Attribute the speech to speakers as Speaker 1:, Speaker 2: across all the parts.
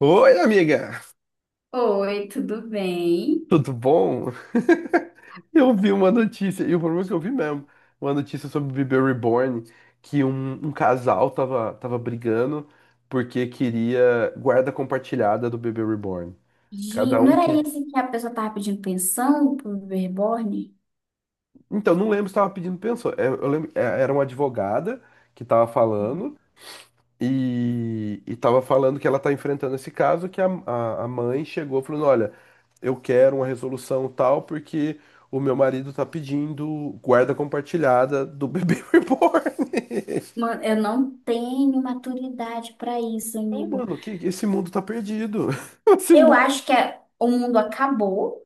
Speaker 1: Oi, amiga!
Speaker 2: Oi, tudo bem?
Speaker 1: Tudo bom? Eu vi uma notícia, e o problema é que eu vi mesmo, uma notícia sobre Bebê Reborn, que um casal tava brigando porque queria guarda compartilhada do Bebê Reborn. Cada
Speaker 2: Gente, não
Speaker 1: um
Speaker 2: era
Speaker 1: queria.
Speaker 2: esse que a pessoa tava pedindo pensão pro reborn?
Speaker 1: Então, não lembro se tava pedindo pensão. Eu lembro, era uma advogada que tava falando. E tava falando que ela tá enfrentando esse caso, que a mãe chegou falando, olha, eu quero uma resolução tal, porque o meu marido tá pedindo guarda compartilhada do bebê reborn.
Speaker 2: Mano, eu não tenho maturidade para isso,
Speaker 1: Não,
Speaker 2: amigo.
Speaker 1: mano, que esse mundo tá perdido. Esse
Speaker 2: Eu
Speaker 1: mundo
Speaker 2: acho que o mundo acabou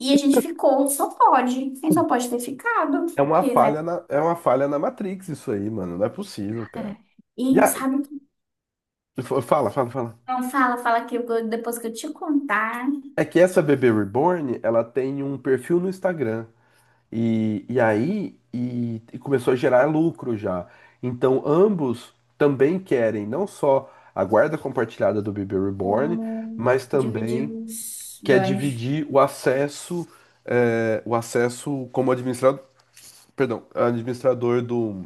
Speaker 2: e a gente ficou. Só pode. Quem só pode ter ficado. Que, né?
Speaker 1: é uma falha na Matrix isso aí, mano. Não é possível, cara.
Speaker 2: Cara?
Speaker 1: E
Speaker 2: E
Speaker 1: aí,
Speaker 2: sabe o que?
Speaker 1: fala, fala, fala.
Speaker 2: Não fala, fala que depois que eu te contar
Speaker 1: É que essa bebê reborn, ela tem um perfil no Instagram. E aí começou a gerar lucro já. Então ambos também querem não só a guarda compartilhada do bebê reborn,
Speaker 2: como
Speaker 1: mas
Speaker 2: dividir
Speaker 1: também
Speaker 2: os
Speaker 1: quer
Speaker 2: ganhos
Speaker 1: dividir o acesso, o acesso como administrador, perdão, administrador do,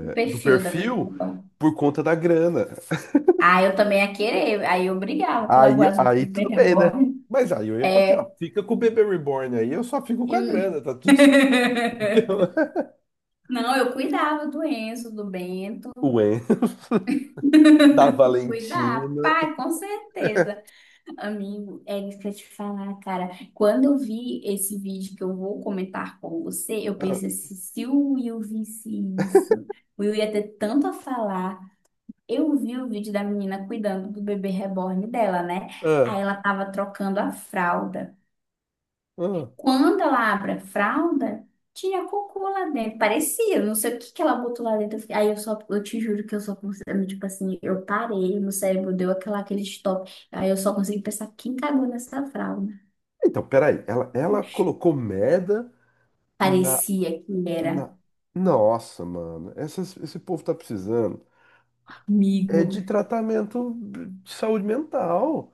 Speaker 2: do
Speaker 1: do
Speaker 2: perfil da bebê
Speaker 1: perfil
Speaker 2: reborn.
Speaker 1: por conta da grana.
Speaker 2: Ah, eu também ia querer. Aí eu brigava pela
Speaker 1: Aí,
Speaker 2: guarda do
Speaker 1: aí
Speaker 2: bebê
Speaker 1: tudo bem, né?
Speaker 2: reborn.
Speaker 1: Mas aí eu ia falar assim, ó,
Speaker 2: É.
Speaker 1: fica com o bebê reborn aí, eu só fico com a
Speaker 2: e-
Speaker 1: grana, tá tudo certo.
Speaker 2: Não, eu cuidava do Enzo, do Bento.
Speaker 1: O En da
Speaker 2: Cuidar,
Speaker 1: Valentina.
Speaker 2: pai, com certeza. Amigo, é isso que eu te falar, cara. Quando eu vi esse vídeo que eu vou comentar com você, eu pensei assim, se o Will visse isso, o Will ia ter tanto a falar. Eu vi o vídeo da menina cuidando do bebê reborn dela, né? Aí
Speaker 1: Ah,
Speaker 2: ela tava trocando a fralda.
Speaker 1: ah.
Speaker 2: Quando ela abre a fralda, tinha cocô lá dentro. Parecia, não sei o que que ela botou lá dentro. Aí eu só, eu te juro que eu só consegui, tipo assim, eu parei, meu cérebro deu aquela, aquele stop. Aí eu só consegui pensar, quem cagou nessa fralda?
Speaker 1: Então, peraí, ela colocou merda na,
Speaker 2: Parecia que era,
Speaker 1: na. Nossa, mano, esse povo tá precisando. É
Speaker 2: amigo.
Speaker 1: de tratamento de saúde mental.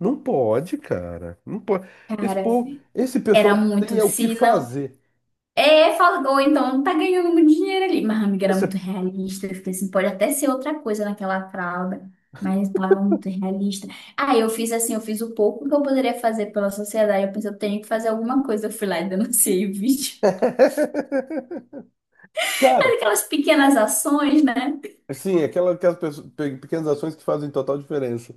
Speaker 1: Não pode, cara. Não pode. Esse
Speaker 2: Cara,
Speaker 1: povo, esse pessoal
Speaker 2: era
Speaker 1: não tem
Speaker 2: muito,
Speaker 1: é o que
Speaker 2: se não,
Speaker 1: fazer.
Speaker 2: é, falou, então tá ganhando muito dinheiro ali. Mas a amiga era muito
Speaker 1: Você-
Speaker 2: realista. Eu fiquei assim, pode até ser outra coisa naquela fralda, mas tava muito realista. Aí eu fiz assim, eu fiz o pouco que eu poderia fazer pela sociedade. Eu pensei, eu tenho que fazer alguma coisa. Eu fui lá e denunciei o vídeo.
Speaker 1: Cara,
Speaker 2: Aquelas pequenas ações, né?
Speaker 1: assim, aquela, aquelas pessoas- pe- pequenas ações que fazem total diferença.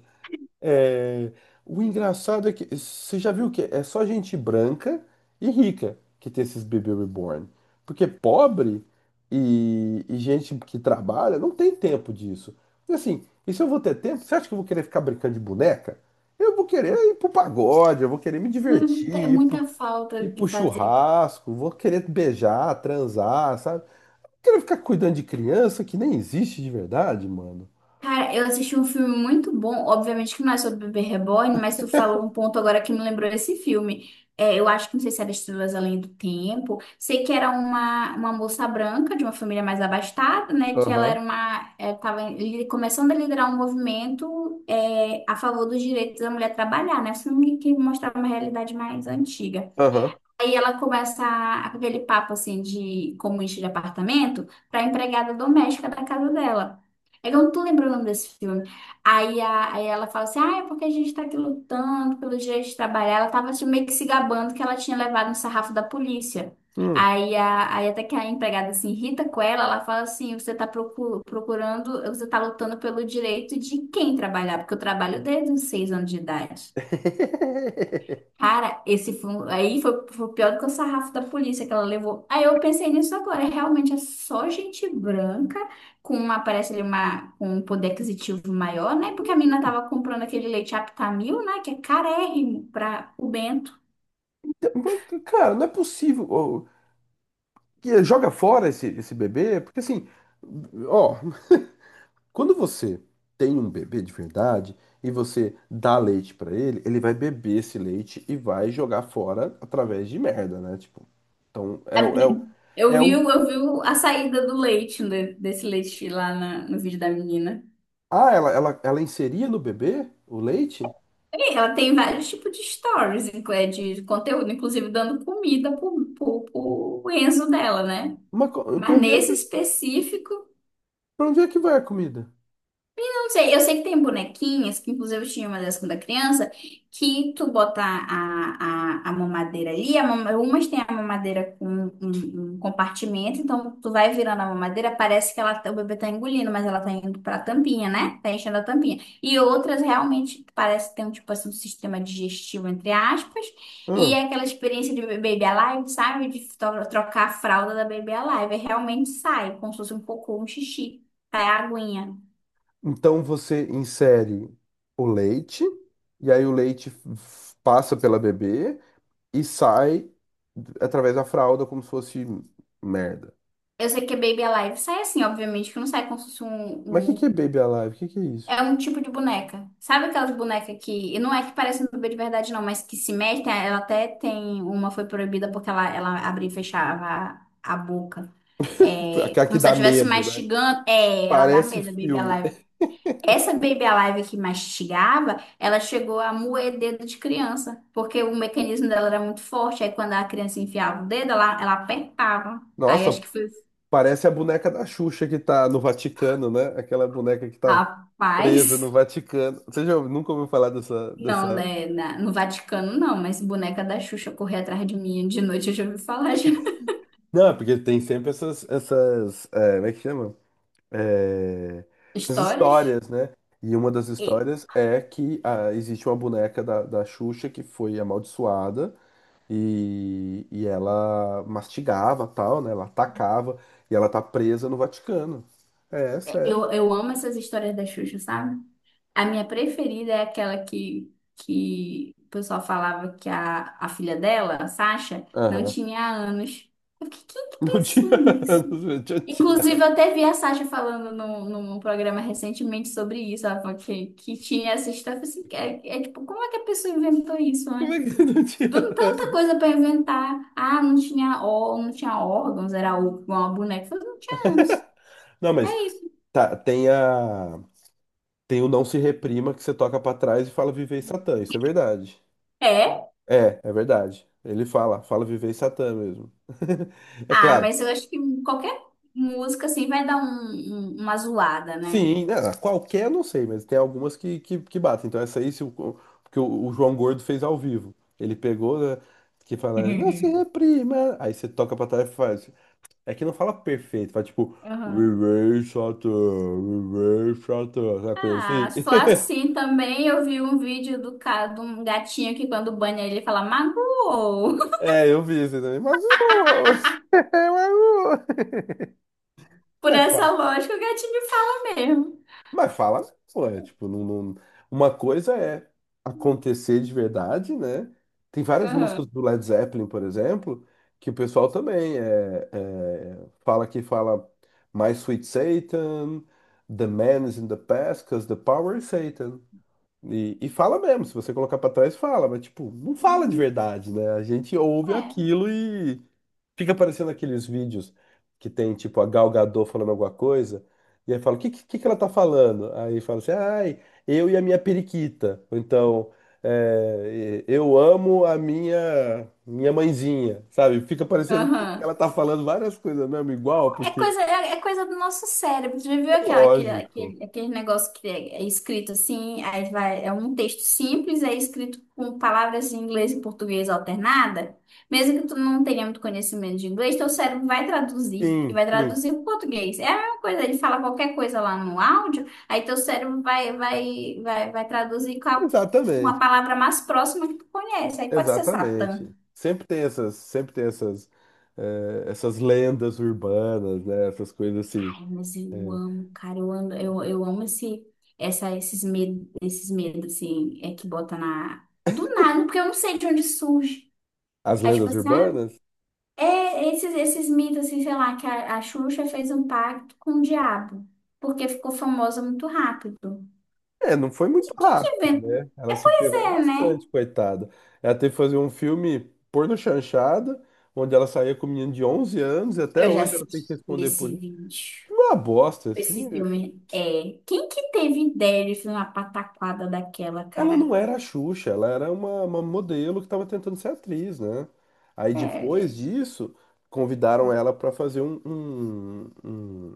Speaker 1: É, o engraçado é que você já viu que é só gente branca e rica que tem esses bebê reborn. Porque pobre e gente que trabalha não tem tempo disso. E assim, e se eu vou ter tempo, você acha que eu vou querer ficar brincando de boneca? Eu vou querer ir pro pagode, eu vou querer me divertir,
Speaker 2: É
Speaker 1: ir pro,
Speaker 2: muita falta
Speaker 1: ir
Speaker 2: o que
Speaker 1: pro
Speaker 2: fazer.
Speaker 1: churrasco, vou querer beijar, transar, sabe? Não quero ficar cuidando de criança que nem existe de verdade, mano.
Speaker 2: Cara, eu assisti um filme muito bom, obviamente que não é sobre Bebê Reborn, mas tu falou um ponto agora que me lembrou esse filme. É, eu acho que não sei se era Estrelas Além do Tempo. Sei que era uma moça branca de uma família mais abastada, né? Que ela
Speaker 1: Aham,
Speaker 2: era uma, começando a liderar um movimento a favor dos direitos da mulher trabalhar, né? Um filme que mostrava uma realidade mais antiga.
Speaker 1: aham.
Speaker 2: Aí ela aquele papo assim de comunista de apartamento para empregada doméstica da casa dela. É que eu não tô lembrando o nome desse filme. Aí ela fala assim: ah, é porque a gente tá aqui lutando pelo direito de trabalhar. Ela tava assim, meio que se gabando que ela tinha levado um sarrafo da polícia.
Speaker 1: Hum.
Speaker 2: Aí até que a empregada se irrita com ela, ela fala assim: você tá procurando, você tá lutando pelo direito de quem trabalhar, porque eu trabalho desde os seis anos de idade. Cara, esse foi, um- aí foi, foi pior do que o sarrafo da polícia que ela levou. Aí eu pensei nisso agora. Realmente é só gente branca com uma, parece ali uma, com um poder aquisitivo maior, né? Porque a menina tava comprando aquele leite Aptamil, né? Que é carérrimo para o Bento.
Speaker 1: Mas, cara, não é possível. Ó, que joga fora esse, esse bebê, porque assim, ó, quando você tem um bebê de verdade e você dá leite pra ele, ele vai beber esse leite e vai jogar fora através de merda, né? Tipo, então é,
Speaker 2: A-
Speaker 1: o- é, o-
Speaker 2: Eu
Speaker 1: é
Speaker 2: vi,
Speaker 1: um.
Speaker 2: o- eu vi a saída do leite, né, desse leite lá no vídeo da menina.
Speaker 1: Ah, ela inseria no bebê o leite?
Speaker 2: E ela tem vários tipos de stories, de conteúdo, inclusive dando comida pro Enzo dela, né?
Speaker 1: Pra
Speaker 2: Mas
Speaker 1: onde é que,
Speaker 2: nesse específico,
Speaker 1: para onde é que vai a comida?
Speaker 2: não sei, eu sei que tem bonequinhas, que inclusive eu tinha uma dessas quando era criança, que tu botar a mamadeira ali, a mama, umas tem a mamadeira com um compartimento, então tu vai virando a mamadeira, parece que o bebê tá engolindo, mas ela tá indo pra tampinha, né? Tá enchendo a tampinha. E outras realmente parece que tem um tipo assim, um sistema digestivo, entre aspas,
Speaker 1: Hã?
Speaker 2: e é aquela experiência de Baby Alive, sabe? De trocar a fralda da Baby Alive, e realmente sai, como se fosse um cocô, um xixi, sai a aguinha.
Speaker 1: Então você insere o leite, e aí o leite passa pela bebê e sai através da fralda como se fosse merda.
Speaker 2: Eu sei que é Baby Alive. Sai assim, obviamente, que não sai como se fosse
Speaker 1: Mas o
Speaker 2: um,
Speaker 1: que que
Speaker 2: um-
Speaker 1: é Baby Alive? O que que é isso?
Speaker 2: É um tipo de boneca. Sabe aquelas bonecas que... não é que parece um bebê de verdade, não, mas que se mexe. Ela até tem... Uma foi proibida porque ela abria e fechava a boca. É,
Speaker 1: Aquela que
Speaker 2: como se ela
Speaker 1: dá
Speaker 2: estivesse
Speaker 1: medo, né?
Speaker 2: mastigando. É, ela dá
Speaker 1: Parece
Speaker 2: medo, a Baby
Speaker 1: filme.
Speaker 2: Alive. Essa Baby Alive que mastigava, ela chegou a moer dedo de criança. Porque o mecanismo dela era muito forte. Aí quando a criança enfiava o dedo, ela apertava. Aí
Speaker 1: Nossa,
Speaker 2: acho que foi... assim,
Speaker 1: parece a boneca da Xuxa que tá no Vaticano, né? Aquela boneca que tá presa no
Speaker 2: rapaz...
Speaker 1: Vaticano. Nunca ouviu falar dessa,
Speaker 2: Não,
Speaker 1: dessa...
Speaker 2: né, no Vaticano não, mas boneca da Xuxa correr atrás de mim de noite, eu já ouvi falar já.
Speaker 1: Não, porque tem sempre é, como é que chama? É, essas
Speaker 2: Histórias?
Speaker 1: histórias, né? E uma das
Speaker 2: E-
Speaker 1: histórias é que ah, existe uma boneca da Xuxa que foi amaldiçoada. E ela mastigava tal, né? Ela atacava e ela tá presa no Vaticano. É,
Speaker 2: é,
Speaker 1: sério.
Speaker 2: Eu, eu amo essas histórias da Xuxa, sabe? A minha preferida é aquela que o pessoal falava que a filha dela, a Sasha, não
Speaker 1: Aham.
Speaker 2: tinha anos. Eu fiquei, quem que
Speaker 1: Não tinha
Speaker 2: pensou nisso?
Speaker 1: anos, meu, deixa eu
Speaker 2: Inclusive,
Speaker 1: tirar.
Speaker 2: eu até vi a Sasha falando num programa recentemente sobre isso, ela falou que tinha essa história. Eu falei assim, é tipo, como é que a pessoa inventou isso,
Speaker 1: Como
Speaker 2: né?
Speaker 1: é que não tinha
Speaker 2: Tanta
Speaker 1: anos?
Speaker 2: coisa para inventar. Ah, não tinha, ó, não tinha órgãos, era igual uma boneca. Eu falei, não tinha ânus.
Speaker 1: Não, mas
Speaker 2: É isso.
Speaker 1: tá, tem a. Tem o Não Se Reprima que você toca pra trás e fala Vivei Satã, isso é verdade.
Speaker 2: É?
Speaker 1: É, é verdade. Ele fala, fala Vivei Satã mesmo. É
Speaker 2: Ah,
Speaker 1: claro.
Speaker 2: mas eu acho que qualquer música assim vai dar uma zoada, né?
Speaker 1: Sim, né, qualquer eu não sei, mas tem algumas que batem. Então essa aí, se o, porque o João Gordo fez ao vivo. Ele pegou, né, que fala, não se reprima. Aí você toca pra trás e faz. É que não fala perfeito, fala tipo,
Speaker 2: Aham.
Speaker 1: viver chato, viver chato, sabe coisa
Speaker 2: Ah,
Speaker 1: assim?
Speaker 2: se for assim também, eu vi um vídeo do cara, de um gatinho que quando banha ele fala magoou.
Speaker 1: É, eu vi isso aí também, mas, ô, mas, ô.
Speaker 2: Por
Speaker 1: Mas
Speaker 2: essa lógica, o gatinho fala mesmo.
Speaker 1: Mas fala, né, pô, é tipo, uma coisa é acontecer de verdade, né? Tem várias músicas
Speaker 2: Aham.
Speaker 1: do Led Zeppelin, por exemplo, que o pessoal também fala que fala My Sweet Satan, The Man is in the Past, 'cause the power is Satan. E fala mesmo, se você colocar pra trás, fala, mas tipo, não fala de
Speaker 2: Hum.
Speaker 1: verdade, né? A gente ouve
Speaker 2: É.
Speaker 1: aquilo. Fica aparecendo aqueles vídeos que tem, tipo, a Gal Gadot falando alguma coisa, e aí fala, o que ela tá falando? Aí fala assim, ai, eu e a minha periquita. Ou então, é, eu amo a minha mãezinha, sabe? Fica parecendo que
Speaker 2: Aham.
Speaker 1: ela tá falando várias coisas mesmo, igual,
Speaker 2: É
Speaker 1: porque
Speaker 2: coisa, é coisa do nosso cérebro. Já viu
Speaker 1: é
Speaker 2: aquela, aquele,
Speaker 1: lógico.
Speaker 2: aquele, aquele negócio que é escrito assim, aí vai, é um texto simples, é escrito com palavras em inglês e português alternada? Mesmo que tu não tenha muito conhecimento de inglês, teu cérebro vai traduzir e
Speaker 1: Sim,
Speaker 2: vai
Speaker 1: sim.
Speaker 2: traduzir para português. É a mesma coisa, ele fala qualquer coisa lá no áudio, aí teu cérebro vai traduzir uma
Speaker 1: Exatamente,
Speaker 2: palavra mais próxima que tu conhece. Aí pode ser Satã.
Speaker 1: exatamente. Sempre tem essas, essas lendas urbanas, né? Essas coisas assim.
Speaker 2: Ai, mas eu amo, cara, eu amo, eu amo esse, essa, esses medos, assim, é que bota na... Do nada, porque eu não sei de onde surge.
Speaker 1: As
Speaker 2: Aí, tipo
Speaker 1: lendas
Speaker 2: assim, ah,
Speaker 1: urbanas.
Speaker 2: é esses, esses mitos, assim, sei lá, que a Xuxa fez um pacto com o diabo, porque ficou famosa muito rápido.
Speaker 1: É, não foi muito
Speaker 2: Quem que
Speaker 1: rápido, né?
Speaker 2: inventou?
Speaker 1: Ela
Speaker 2: É,
Speaker 1: se
Speaker 2: pois
Speaker 1: ferrou
Speaker 2: é, né?
Speaker 1: bastante, coitada. Ela teve que fazer um filme porno chanchada, onde ela saía com um menino de 11 anos e até
Speaker 2: Eu já
Speaker 1: hoje ela tem que
Speaker 2: assisti
Speaker 1: responder por
Speaker 2: esse
Speaker 1: isso.
Speaker 2: vídeo.
Speaker 1: Esse filme é uma bosta. Esse
Speaker 2: Esse
Speaker 1: filme...
Speaker 2: filme é. Quem que teve ideia de fazer uma pataquada daquela,
Speaker 1: Ela
Speaker 2: cara?
Speaker 1: não era a Xuxa, ela era uma modelo que estava tentando ser atriz, né? Aí depois
Speaker 2: É,
Speaker 1: disso, convidaram ela para fazer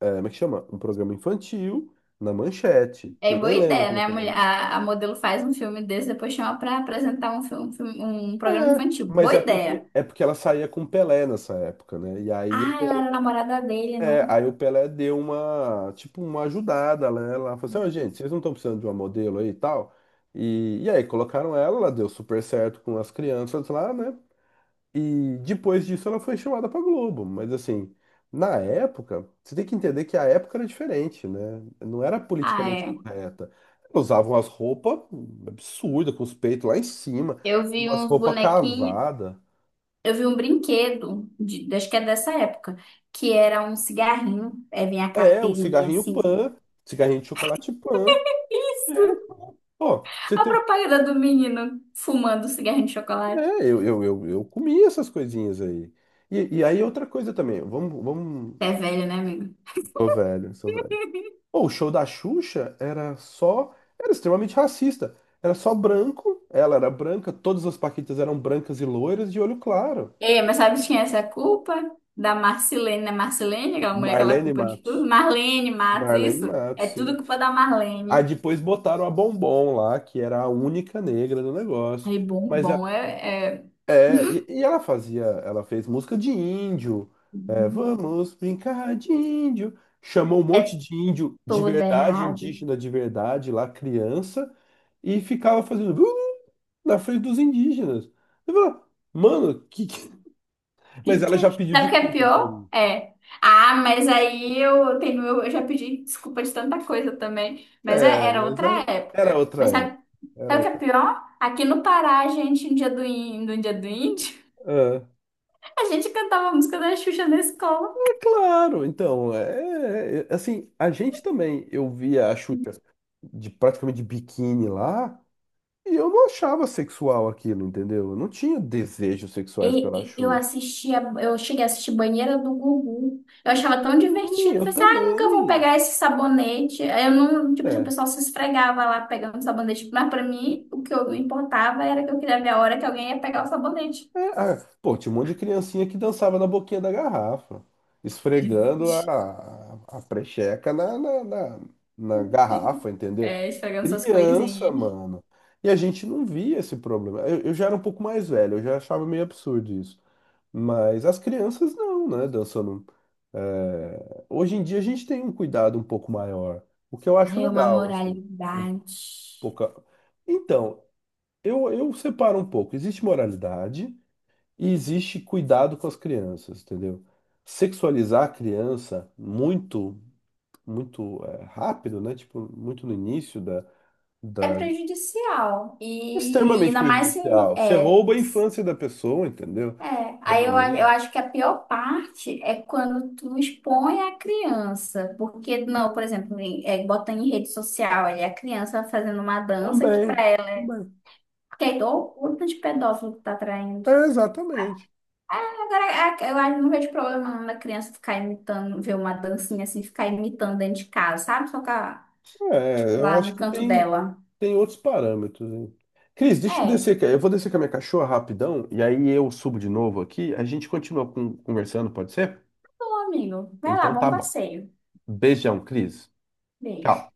Speaker 1: é, como é que chama? Um programa infantil na Manchete, que
Speaker 2: é
Speaker 1: eu
Speaker 2: boa
Speaker 1: nem lembro
Speaker 2: ideia,
Speaker 1: como é
Speaker 2: né? A,
Speaker 1: que é o nome.
Speaker 2: mulher- a- a modelo faz um filme desse, depois chama pra apresentar um programa
Speaker 1: É,
Speaker 2: infantil.
Speaker 1: mas
Speaker 2: Boa ideia.
Speaker 1: é porque ela saía com o Pelé nessa época, né? E aí o
Speaker 2: Ah, ela era namorada dele, né?
Speaker 1: Pelé, aí o Pelé deu uma, tipo, uma ajudada, né? Ela falou assim, ó, gente, vocês não estão precisando de uma modelo aí e tal? E aí colocaram ela, ela deu super certo com as crianças lá, né? E depois disso ela foi chamada pra Globo, mas assim, na época, você tem que entender que a época era diferente, né? Não era
Speaker 2: Ah,
Speaker 1: politicamente
Speaker 2: é.
Speaker 1: correta. Usavam as roupas absurdas, com os peitos lá em cima,
Speaker 2: Eu vi
Speaker 1: umas
Speaker 2: uns
Speaker 1: roupas
Speaker 2: bonequinhos,
Speaker 1: cavadas.
Speaker 2: eu vi um brinquedo, de, acho que é dessa época, que era um cigarrinho, aí vinha a
Speaker 1: É, o
Speaker 2: carteirinha
Speaker 1: cigarrinho
Speaker 2: assim.
Speaker 1: pan, cigarrinho de chocolate pan. É, pô, você
Speaker 2: A
Speaker 1: tem.
Speaker 2: propaganda do menino fumando cigarrinho de
Speaker 1: É,
Speaker 2: chocolate.
Speaker 1: eu comi essas coisinhas aí. Outra coisa também, vamos, vamos.
Speaker 2: É velho, né, amigo?
Speaker 1: Sou velho, sou velho. Pô, o show da Xuxa era só. Era extremamente racista. Era só branco, ela era branca, todas as Paquitas eram brancas e loiras de olho claro.
Speaker 2: Ei, mas sabe de quem é essa culpa? Da Marcilene, né? Marcilene, aquela mulher que ela
Speaker 1: Marlene
Speaker 2: culpa de tudo.
Speaker 1: Matos.
Speaker 2: Marlene Matos,
Speaker 1: Marlene
Speaker 2: isso. É
Speaker 1: Matos,
Speaker 2: tudo
Speaker 1: sim.
Speaker 2: culpa da
Speaker 1: Aí
Speaker 2: Marlene.
Speaker 1: depois botaram a Bombom lá, que era a única negra do negócio.
Speaker 2: Aí, bom,
Speaker 1: Mas
Speaker 2: bom,
Speaker 1: é, e ela fazia, ela fez música de índio, é,
Speaker 2: uhum.
Speaker 1: vamos brincar de índio. Chamou um monte
Speaker 2: É
Speaker 1: de índio de
Speaker 2: toda
Speaker 1: verdade,
Speaker 2: errada.
Speaker 1: indígena de verdade, lá criança, e ficava fazendo na frente dos indígenas. Eu falava, mano, mas
Speaker 2: Que
Speaker 1: ela
Speaker 2: é?
Speaker 1: já pediu
Speaker 2: Sabe o que é
Speaker 1: desculpa por
Speaker 2: pior?
Speaker 1: isso.
Speaker 2: É. Ah, mas aí eu tenho, eu já pedi desculpa de tanta coisa também.
Speaker 1: É,
Speaker 2: Era
Speaker 1: mas
Speaker 2: outra
Speaker 1: era, era
Speaker 2: época.
Speaker 1: outra
Speaker 2: Mas
Speaker 1: época.
Speaker 2: sabe,
Speaker 1: Era
Speaker 2: sabe o que é
Speaker 1: outra.
Speaker 2: pior? Aqui no Pará, a gente, no dia do índio, no dia do índio,
Speaker 1: Ah,
Speaker 2: a gente cantava a música da Xuxa na escola.
Speaker 1: é, claro, então, assim, a gente também, eu via a Xuxa de praticamente de biquíni lá. E eu não achava sexual aquilo, entendeu? Eu não tinha desejos sexuais pela
Speaker 2: Eu
Speaker 1: Xuxa.
Speaker 2: assistia, eu cheguei a assistir Banheira do Gugu. Eu achava tão
Speaker 1: Sim,
Speaker 2: divertido. Falei
Speaker 1: eu
Speaker 2: assim, ah, nunca vão
Speaker 1: também.
Speaker 2: pegar esse sabonete. Aí eu não, tipo assim, o
Speaker 1: É.
Speaker 2: pessoal se esfregava lá pegando sabonete. Mas pra mim, o que eu não importava era que eu queria ver a hora que alguém ia pegar o sabonete.
Speaker 1: É, ah, pô, tinha um monte de criancinha que dançava na boquinha da garrafa, esfregando a precheca na garrafa, entendeu?
Speaker 2: É, esfregando essas
Speaker 1: Criança,
Speaker 2: coisinhas.
Speaker 1: mano. E a gente não via esse problema. Eu já era um pouco mais velho, eu já achava meio absurdo isso. Mas as crianças não, né? Dançando. É, hoje em dia a gente tem um cuidado um pouco maior, o que eu acho
Speaker 2: É uma
Speaker 1: legal, assim. Um
Speaker 2: moralidade.
Speaker 1: pouco... Então, eu separo um pouco. Existe moralidade e existe cuidado com as crianças, entendeu? Sexualizar a criança muito, muito é, rápido, né? Tipo, muito no início da,
Speaker 2: É
Speaker 1: da...
Speaker 2: prejudicial. E
Speaker 1: Extremamente
Speaker 2: ainda mais se,
Speaker 1: prejudicial. Você
Speaker 2: é,
Speaker 1: rouba a infância da pessoa, entendeu?
Speaker 2: é,
Speaker 1: Da
Speaker 2: aí eu
Speaker 1: menina.
Speaker 2: acho que a pior parte é quando tu expõe a criança, porque não,
Speaker 1: É,
Speaker 2: por exemplo, bota em rede social ali a criança fazendo uma dança que
Speaker 1: também.
Speaker 2: pra ela,
Speaker 1: Também.
Speaker 2: que é igual o culto de pedófilo que tá traindo.
Speaker 1: É, exatamente.
Speaker 2: Ah, agora, eu acho que não vejo problema não da criança ficar imitando, ver uma dancinha assim, ficar imitando dentro de casa, sabe?
Speaker 1: É, eu
Speaker 2: Lá
Speaker 1: acho
Speaker 2: no
Speaker 1: que
Speaker 2: canto
Speaker 1: tem,
Speaker 2: dela.
Speaker 1: tem outros parâmetros, hein? Cris, deixa eu
Speaker 2: É,
Speaker 1: descer. Eu vou descer com a minha cachorra rapidão e aí eu subo de novo aqui. A gente continua conversando, pode ser?
Speaker 2: bom, amigo. Vai lá,
Speaker 1: Então
Speaker 2: bom
Speaker 1: tá bom.
Speaker 2: passeio.
Speaker 1: Beijão, Cris.
Speaker 2: Beijo.
Speaker 1: Tchau.